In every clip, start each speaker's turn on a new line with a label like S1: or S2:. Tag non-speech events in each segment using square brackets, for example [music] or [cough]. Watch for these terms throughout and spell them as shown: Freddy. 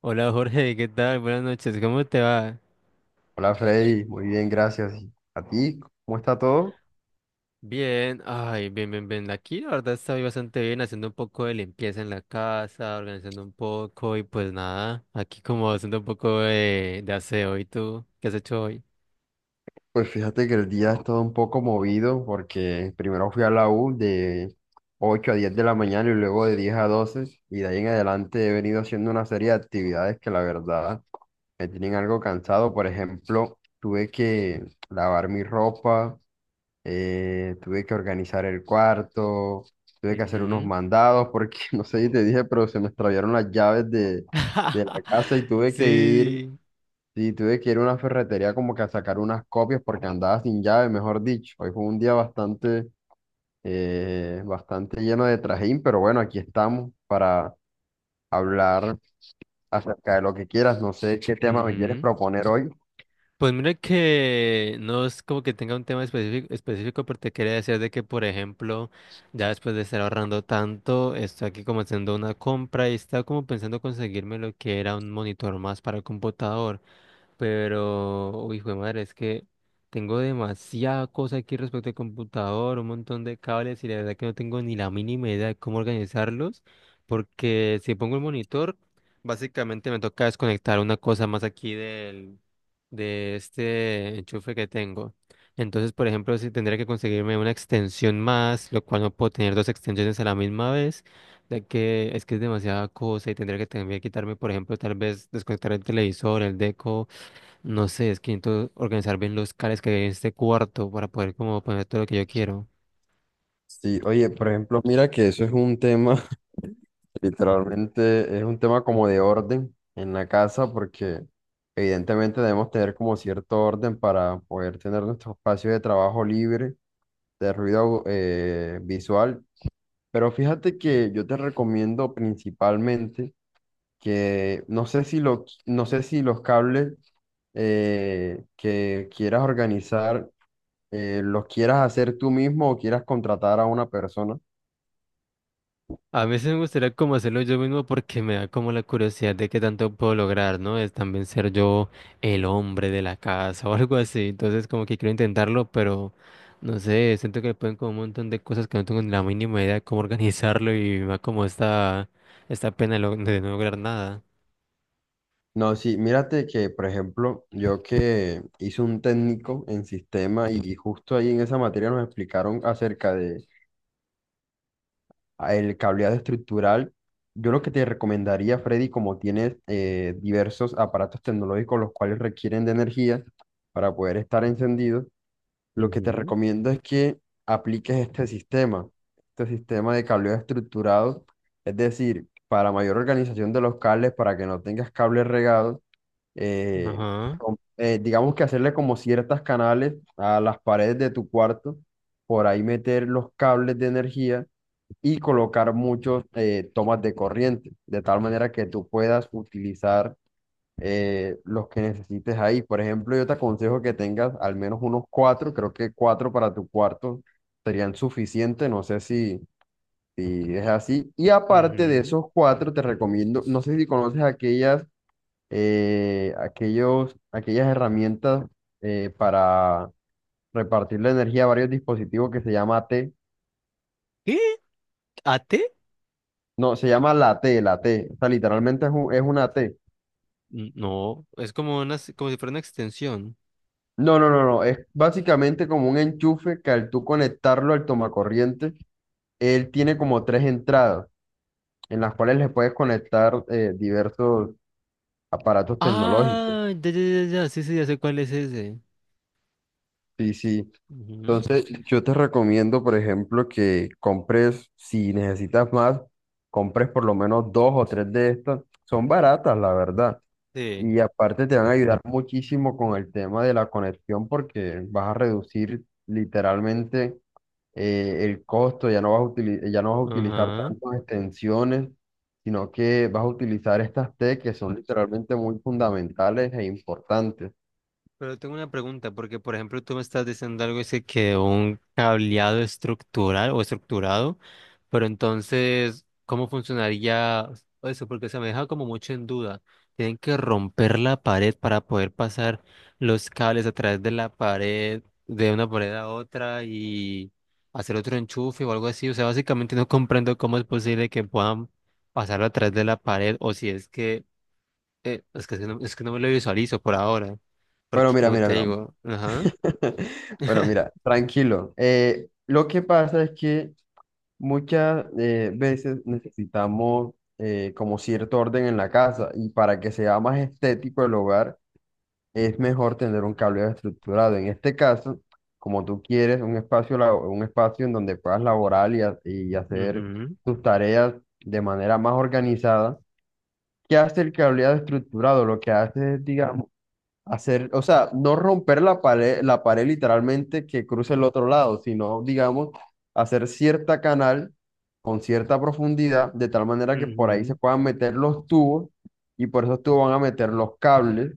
S1: Hola Jorge, ¿qué tal? Buenas noches, ¿cómo te va?
S2: Hola Freddy, muy bien, gracias. ¿A ti? ¿Cómo está todo?
S1: Bien, ay, bien. Aquí la verdad estoy bastante bien, haciendo un poco de limpieza en la casa, organizando un poco y pues nada, aquí como haciendo un poco de aseo. ¿Y tú? ¿Qué has hecho hoy?
S2: Pues fíjate que el día ha estado un poco movido porque primero fui a la U de 8 a 10 de la mañana y luego de 10 a 12, y de ahí en adelante he venido haciendo una serie de actividades que la verdad me tienen algo cansado. Por ejemplo, tuve que lavar mi ropa, tuve que organizar el cuarto, tuve que hacer unos
S1: Ujú.
S2: mandados porque [laughs] no sé si te dije, pero se me extraviaron las llaves de la casa
S1: [laughs]
S2: y tuve que ir.
S1: Sí.
S2: Sí, tuve que ir a una ferretería como que a sacar unas copias porque andaba sin llave, mejor dicho. Hoy fue un día bastante lleno de trajín, pero bueno, aquí estamos para hablar acerca de lo que quieras. No sé qué tema me quieres
S1: Ujú.
S2: proponer hoy.
S1: Pues mira que no es como que tenga un tema específico, pero te quería decir de que, por ejemplo, ya después de estar ahorrando tanto, estoy aquí como haciendo una compra y estaba como pensando conseguirme lo que era un monitor más para el computador. Pero, uy, hijo de madre, es que tengo demasiada cosa aquí respecto al computador, un montón de cables y la verdad que no tengo ni la mínima idea de cómo organizarlos, porque si pongo el monitor, básicamente me toca desconectar una cosa más aquí de este enchufe que tengo. Entonces, por ejemplo, si tendría que conseguirme una extensión más, lo cual no puedo tener dos extensiones a la misma vez, ya que es demasiada cosa y tendría que también quitarme, por ejemplo, tal vez desconectar el televisor, el deco, no sé, es que necesito organizar bien los cables que hay en este cuarto para poder como poner todo lo que yo quiero.
S2: Sí, oye, por ejemplo, mira que eso es un tema, [laughs] literalmente es un tema como de orden en la casa porque evidentemente debemos tener como cierto orden para poder tener nuestro espacio de trabajo libre de ruido, visual. Pero fíjate que yo te recomiendo principalmente que no sé si los cables que quieras organizar los quieras hacer tú mismo o quieras contratar a una persona.
S1: A veces me gustaría como hacerlo yo mismo porque me da como la curiosidad de qué tanto puedo lograr, ¿no? Es también ser yo el hombre de la casa [laughs] o algo así. Entonces como que quiero intentarlo, pero no sé, siento que pueden como un montón de cosas que no tengo ni la mínima idea de cómo [laughs] organizarlo y me da como esta pena de no lograr nada.
S2: No, sí, mírate que, por ejemplo, yo que hice un técnico en sistema y justo ahí en esa materia nos explicaron acerca de el cableado estructural. Yo lo que te recomendaría, Freddy, como tienes diversos aparatos tecnológicos los cuales requieren de energía para poder estar encendidos, lo que te
S1: Ujú.
S2: recomiendo es que apliques este sistema de cableado estructurado, es decir, para mayor organización de los cables, para que no tengas cables regados, eh,
S1: Ajá.
S2: digamos que hacerle como ciertas canales a las paredes de tu cuarto, por ahí meter los cables de energía y colocar muchos tomas de corriente, de tal manera que tú puedas utilizar los que necesites ahí. Por ejemplo, yo te aconsejo que tengas al menos unos cuatro, creo que cuatro para tu cuarto serían suficientes, no sé si es así. Y aparte de
S1: Ujú.
S2: esos cuatro, te recomiendo, no sé si conoces aquellas herramientas para repartir la energía a varios dispositivos, que se llama AT.
S1: ¿Qué? ¿Ate?
S2: No, se llama la T. O sea, literalmente es una T.
S1: No, es como una, como si fuera una extensión.
S2: No, no, no, no. Es básicamente como un enchufe que al tú conectarlo al tomacorriente, él tiene como tres entradas en las cuales le puedes conectar diversos aparatos tecnológicos.
S1: Ah, ya, ya, ya, ya, sí, sí, ya sé cuál es ese.
S2: Sí, sí.
S1: Ujú.
S2: Entonces, yo te recomiendo, por ejemplo, que compres, si necesitas más, compres por lo menos dos o tres de estas. Son baratas, la verdad.
S1: Sí.
S2: Y aparte te van a ayudar muchísimo con el tema de la conexión porque vas a reducir literalmente el costo, ya no vas a utilizar
S1: Ajá.
S2: tantas extensiones, sino que vas a utilizar estas T que son literalmente muy fundamentales e importantes.
S1: Pero tengo una pregunta, porque por ejemplo tú me estás diciendo algo, dice que un cableado estructural o estructurado, pero entonces, ¿cómo funcionaría eso? Porque se me deja como mucho en duda. Tienen que romper la pared para poder pasar los cables a través de la pared, de una pared a otra y hacer otro enchufe o algo así. O sea, básicamente no comprendo cómo es posible que puedan pasarlo a través de la pared o si es que es que, si no, es que no me lo visualizo por ahora,
S2: Bueno,
S1: porque
S2: mira,
S1: como
S2: mira,
S1: te
S2: mira,
S1: digo, ajá,
S2: [laughs] bueno, mira,
S1: [laughs]
S2: tranquilo. Lo que pasa es que muchas veces necesitamos, como cierto orden en la casa, y para que sea más estético el hogar es mejor tener un cableado estructurado. En este caso, como tú quieres un espacio en donde puedas laborar y hacer
S1: ujú,
S2: tus tareas de manera más organizada, ¿qué hace el cableado estructurado? Lo que hace es, digamos, hacer, o sea, no romper la pared literalmente que cruce el otro lado, sino, digamos, hacer cierta canal con cierta profundidad, de tal manera que por ahí se
S1: ujú,
S2: puedan meter los tubos, y por esos tubos van a meter los cables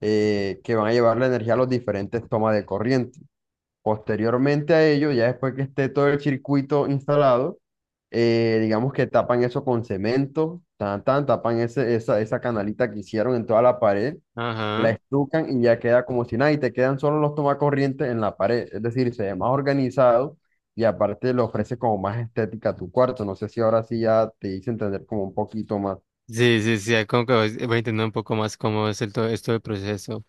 S2: que van a llevar la energía a los diferentes tomas de corriente. Posteriormente a ello, ya después que esté todo el circuito instalado, digamos que tapan eso con cemento, tan, tan, tapan esa canalita que hicieron en toda la pared, la
S1: ajá,
S2: estucan y ya queda como si nada, y te quedan solo los tomacorrientes en la pared, es decir, se ve más organizado, y aparte le ofrece como más estética a tu cuarto. No sé si ahora sí ya te hice entender como un poquito más.
S1: sí, sí, sí, como que voy entendiendo un poco más cómo es el, todo esto del proceso.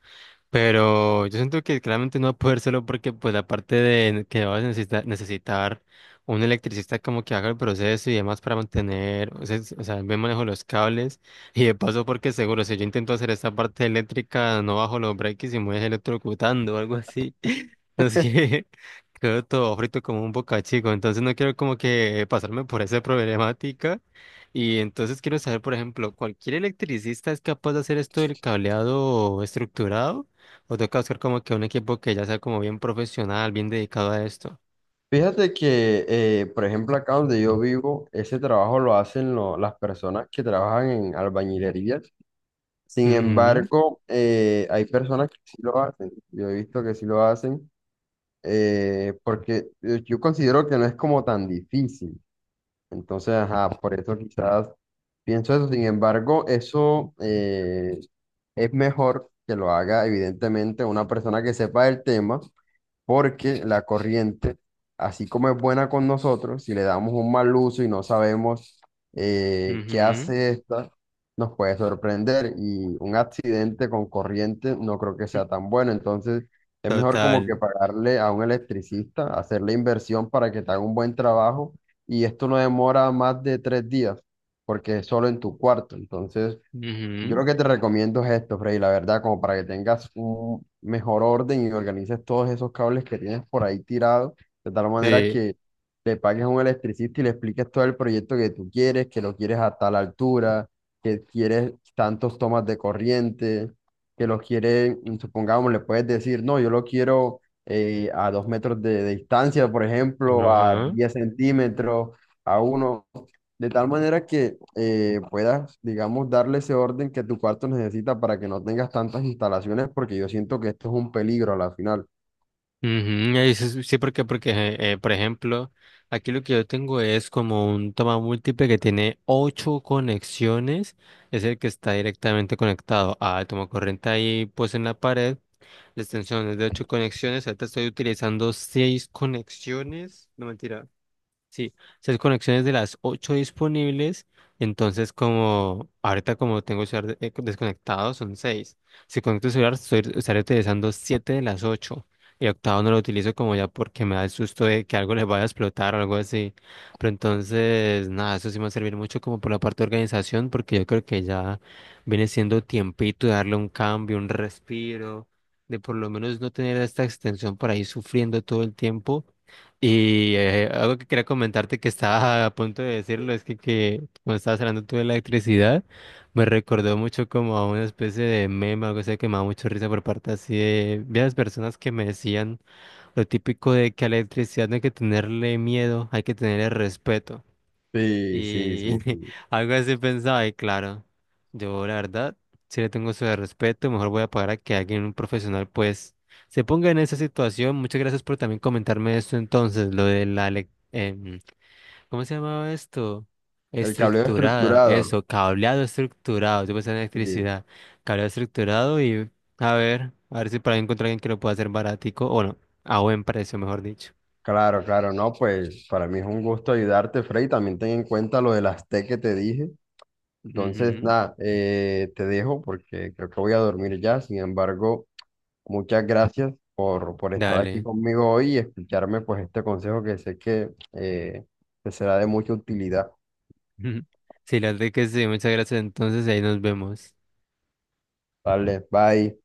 S1: Pero yo siento que claramente no va a poder solo porque, pues, aparte de que vas a necesitar un electricista como que haga el proceso y demás para mantener, o sea, el buen manejo de los cables. [laughs] Y de paso, porque seguro, si yo intento hacer esta parte eléctrica, no bajo los breaks y me voy electrocutando o algo así. [laughs] No sé, [laughs] quedo todo frito como un bocachico. Entonces, no quiero como que pasarme por esa problemática. Y entonces quiero saber, por ejemplo, ¿cualquier electricista es capaz de hacer esto del cableado estructurado? O toca buscar como que un equipo que ya sea como bien profesional, bien dedicado a esto.
S2: Fíjate que, por ejemplo, acá donde yo vivo, ese trabajo lo hacen las personas que trabajan en albañilerías. Sin
S1: Ujú.
S2: embargo, hay personas que sí lo hacen. Yo he visto que sí lo hacen, porque yo considero que no es como tan difícil. Entonces, ajá, por eso quizás pienso eso. Sin embargo, eso, es mejor que lo haga, evidentemente, una persona que sepa del tema, porque la corriente, así como es buena con nosotros, si le damos un mal uso y no sabemos qué
S1: Ujú.
S2: hace esta, nos puede sorprender, y un accidente con corriente no creo que
S1: Mm.
S2: sea tan bueno. Entonces, es mejor como
S1: Total.
S2: que pagarle a un electricista, hacer la inversión para que te haga un buen trabajo, y esto no demora más de 3 días, porque es solo en tu cuarto. Entonces, yo
S1: Ujú.
S2: lo que te recomiendo es esto, Freddy, la verdad, como para que tengas un mejor orden y organices todos esos cables que tienes por ahí tirados, de tal manera
S1: Sí.
S2: que le pagues a un electricista y le expliques todo el proyecto que tú quieres, que lo quieres a tal altura, que quieres tantos tomas de corriente, que lo quieres, supongamos, le puedes decir: no, yo lo quiero a 2 metros de distancia, por ejemplo, a
S1: Ajá.
S2: 10 centímetros, a uno. De tal manera que puedas, digamos, darle ese orden que tu cuarto necesita para que no tengas tantas instalaciones, porque yo siento que esto es un peligro a la final.
S1: Ujú, ahí sí, sí, porque, porque por ejemplo, aquí lo que yo tengo es como un toma múltiple que tiene ocho conexiones. Es el que está directamente conectado al toma corriente ahí pues en la pared. La extensión es de ocho conexiones. Ahorita estoy utilizando seis conexiones. No mentira. Sí, esas conexiones de las ocho disponibles, entonces como ahorita como tengo el celular desconectado son seis. Si conecto el celular estoy, estaré utilizando siete de las ocho. Y octavo no lo utilizo como ya porque me da el susto de que algo les vaya a explotar o algo así. Pero entonces, nada, eso sí me va a servir mucho como por la parte de organización porque yo creo que ya viene siendo tiempito de darle un cambio, un respiro, de por lo menos no tener esta extensión por ahí sufriendo todo el tiempo y algo que quería comentarte que estaba a punto de decirlo es que cuando estabas hablando tú de la electricidad, me recordó mucho como a una especie de meme, algo así que me daba mucho risa por parte así de varias personas que me decían lo típico de que a la electricidad no hay que tenerle miedo, hay que tenerle respeto.
S2: Sí, sí, sí,
S1: Y [laughs]
S2: sí.
S1: algo así pensaba, y claro, yo la verdad, si le tengo su respeto, mejor voy a pagar a que alguien, un profesional, pues, se ponga en esa situación. Muchas gracias por también comentarme esto entonces, lo de ¿cómo se llamaba esto?
S2: El cableo
S1: Estructurada,
S2: estructurado.
S1: eso, cableado estructurado, yo pensaba en
S2: Sí.
S1: electricidad, cableado estructurado y a ver si para encontrar alguien que lo pueda hacer baratico, o no, a buen precio, mejor dicho.
S2: Claro, claro, no, pues para mí es un gusto ayudarte, Frey. También ten en cuenta lo del Aztec que te dije. Entonces,
S1: Ujú.
S2: nada, te dejo porque creo que voy a dormir ya. Sin embargo, muchas gracias por estar aquí
S1: Dale.
S2: conmigo hoy y escucharme pues este consejo que sé que te será de mucha utilidad.
S1: [laughs] Sí, la verdad que sí, muchas gracias. Entonces ahí nos vemos.
S2: Vale, bye.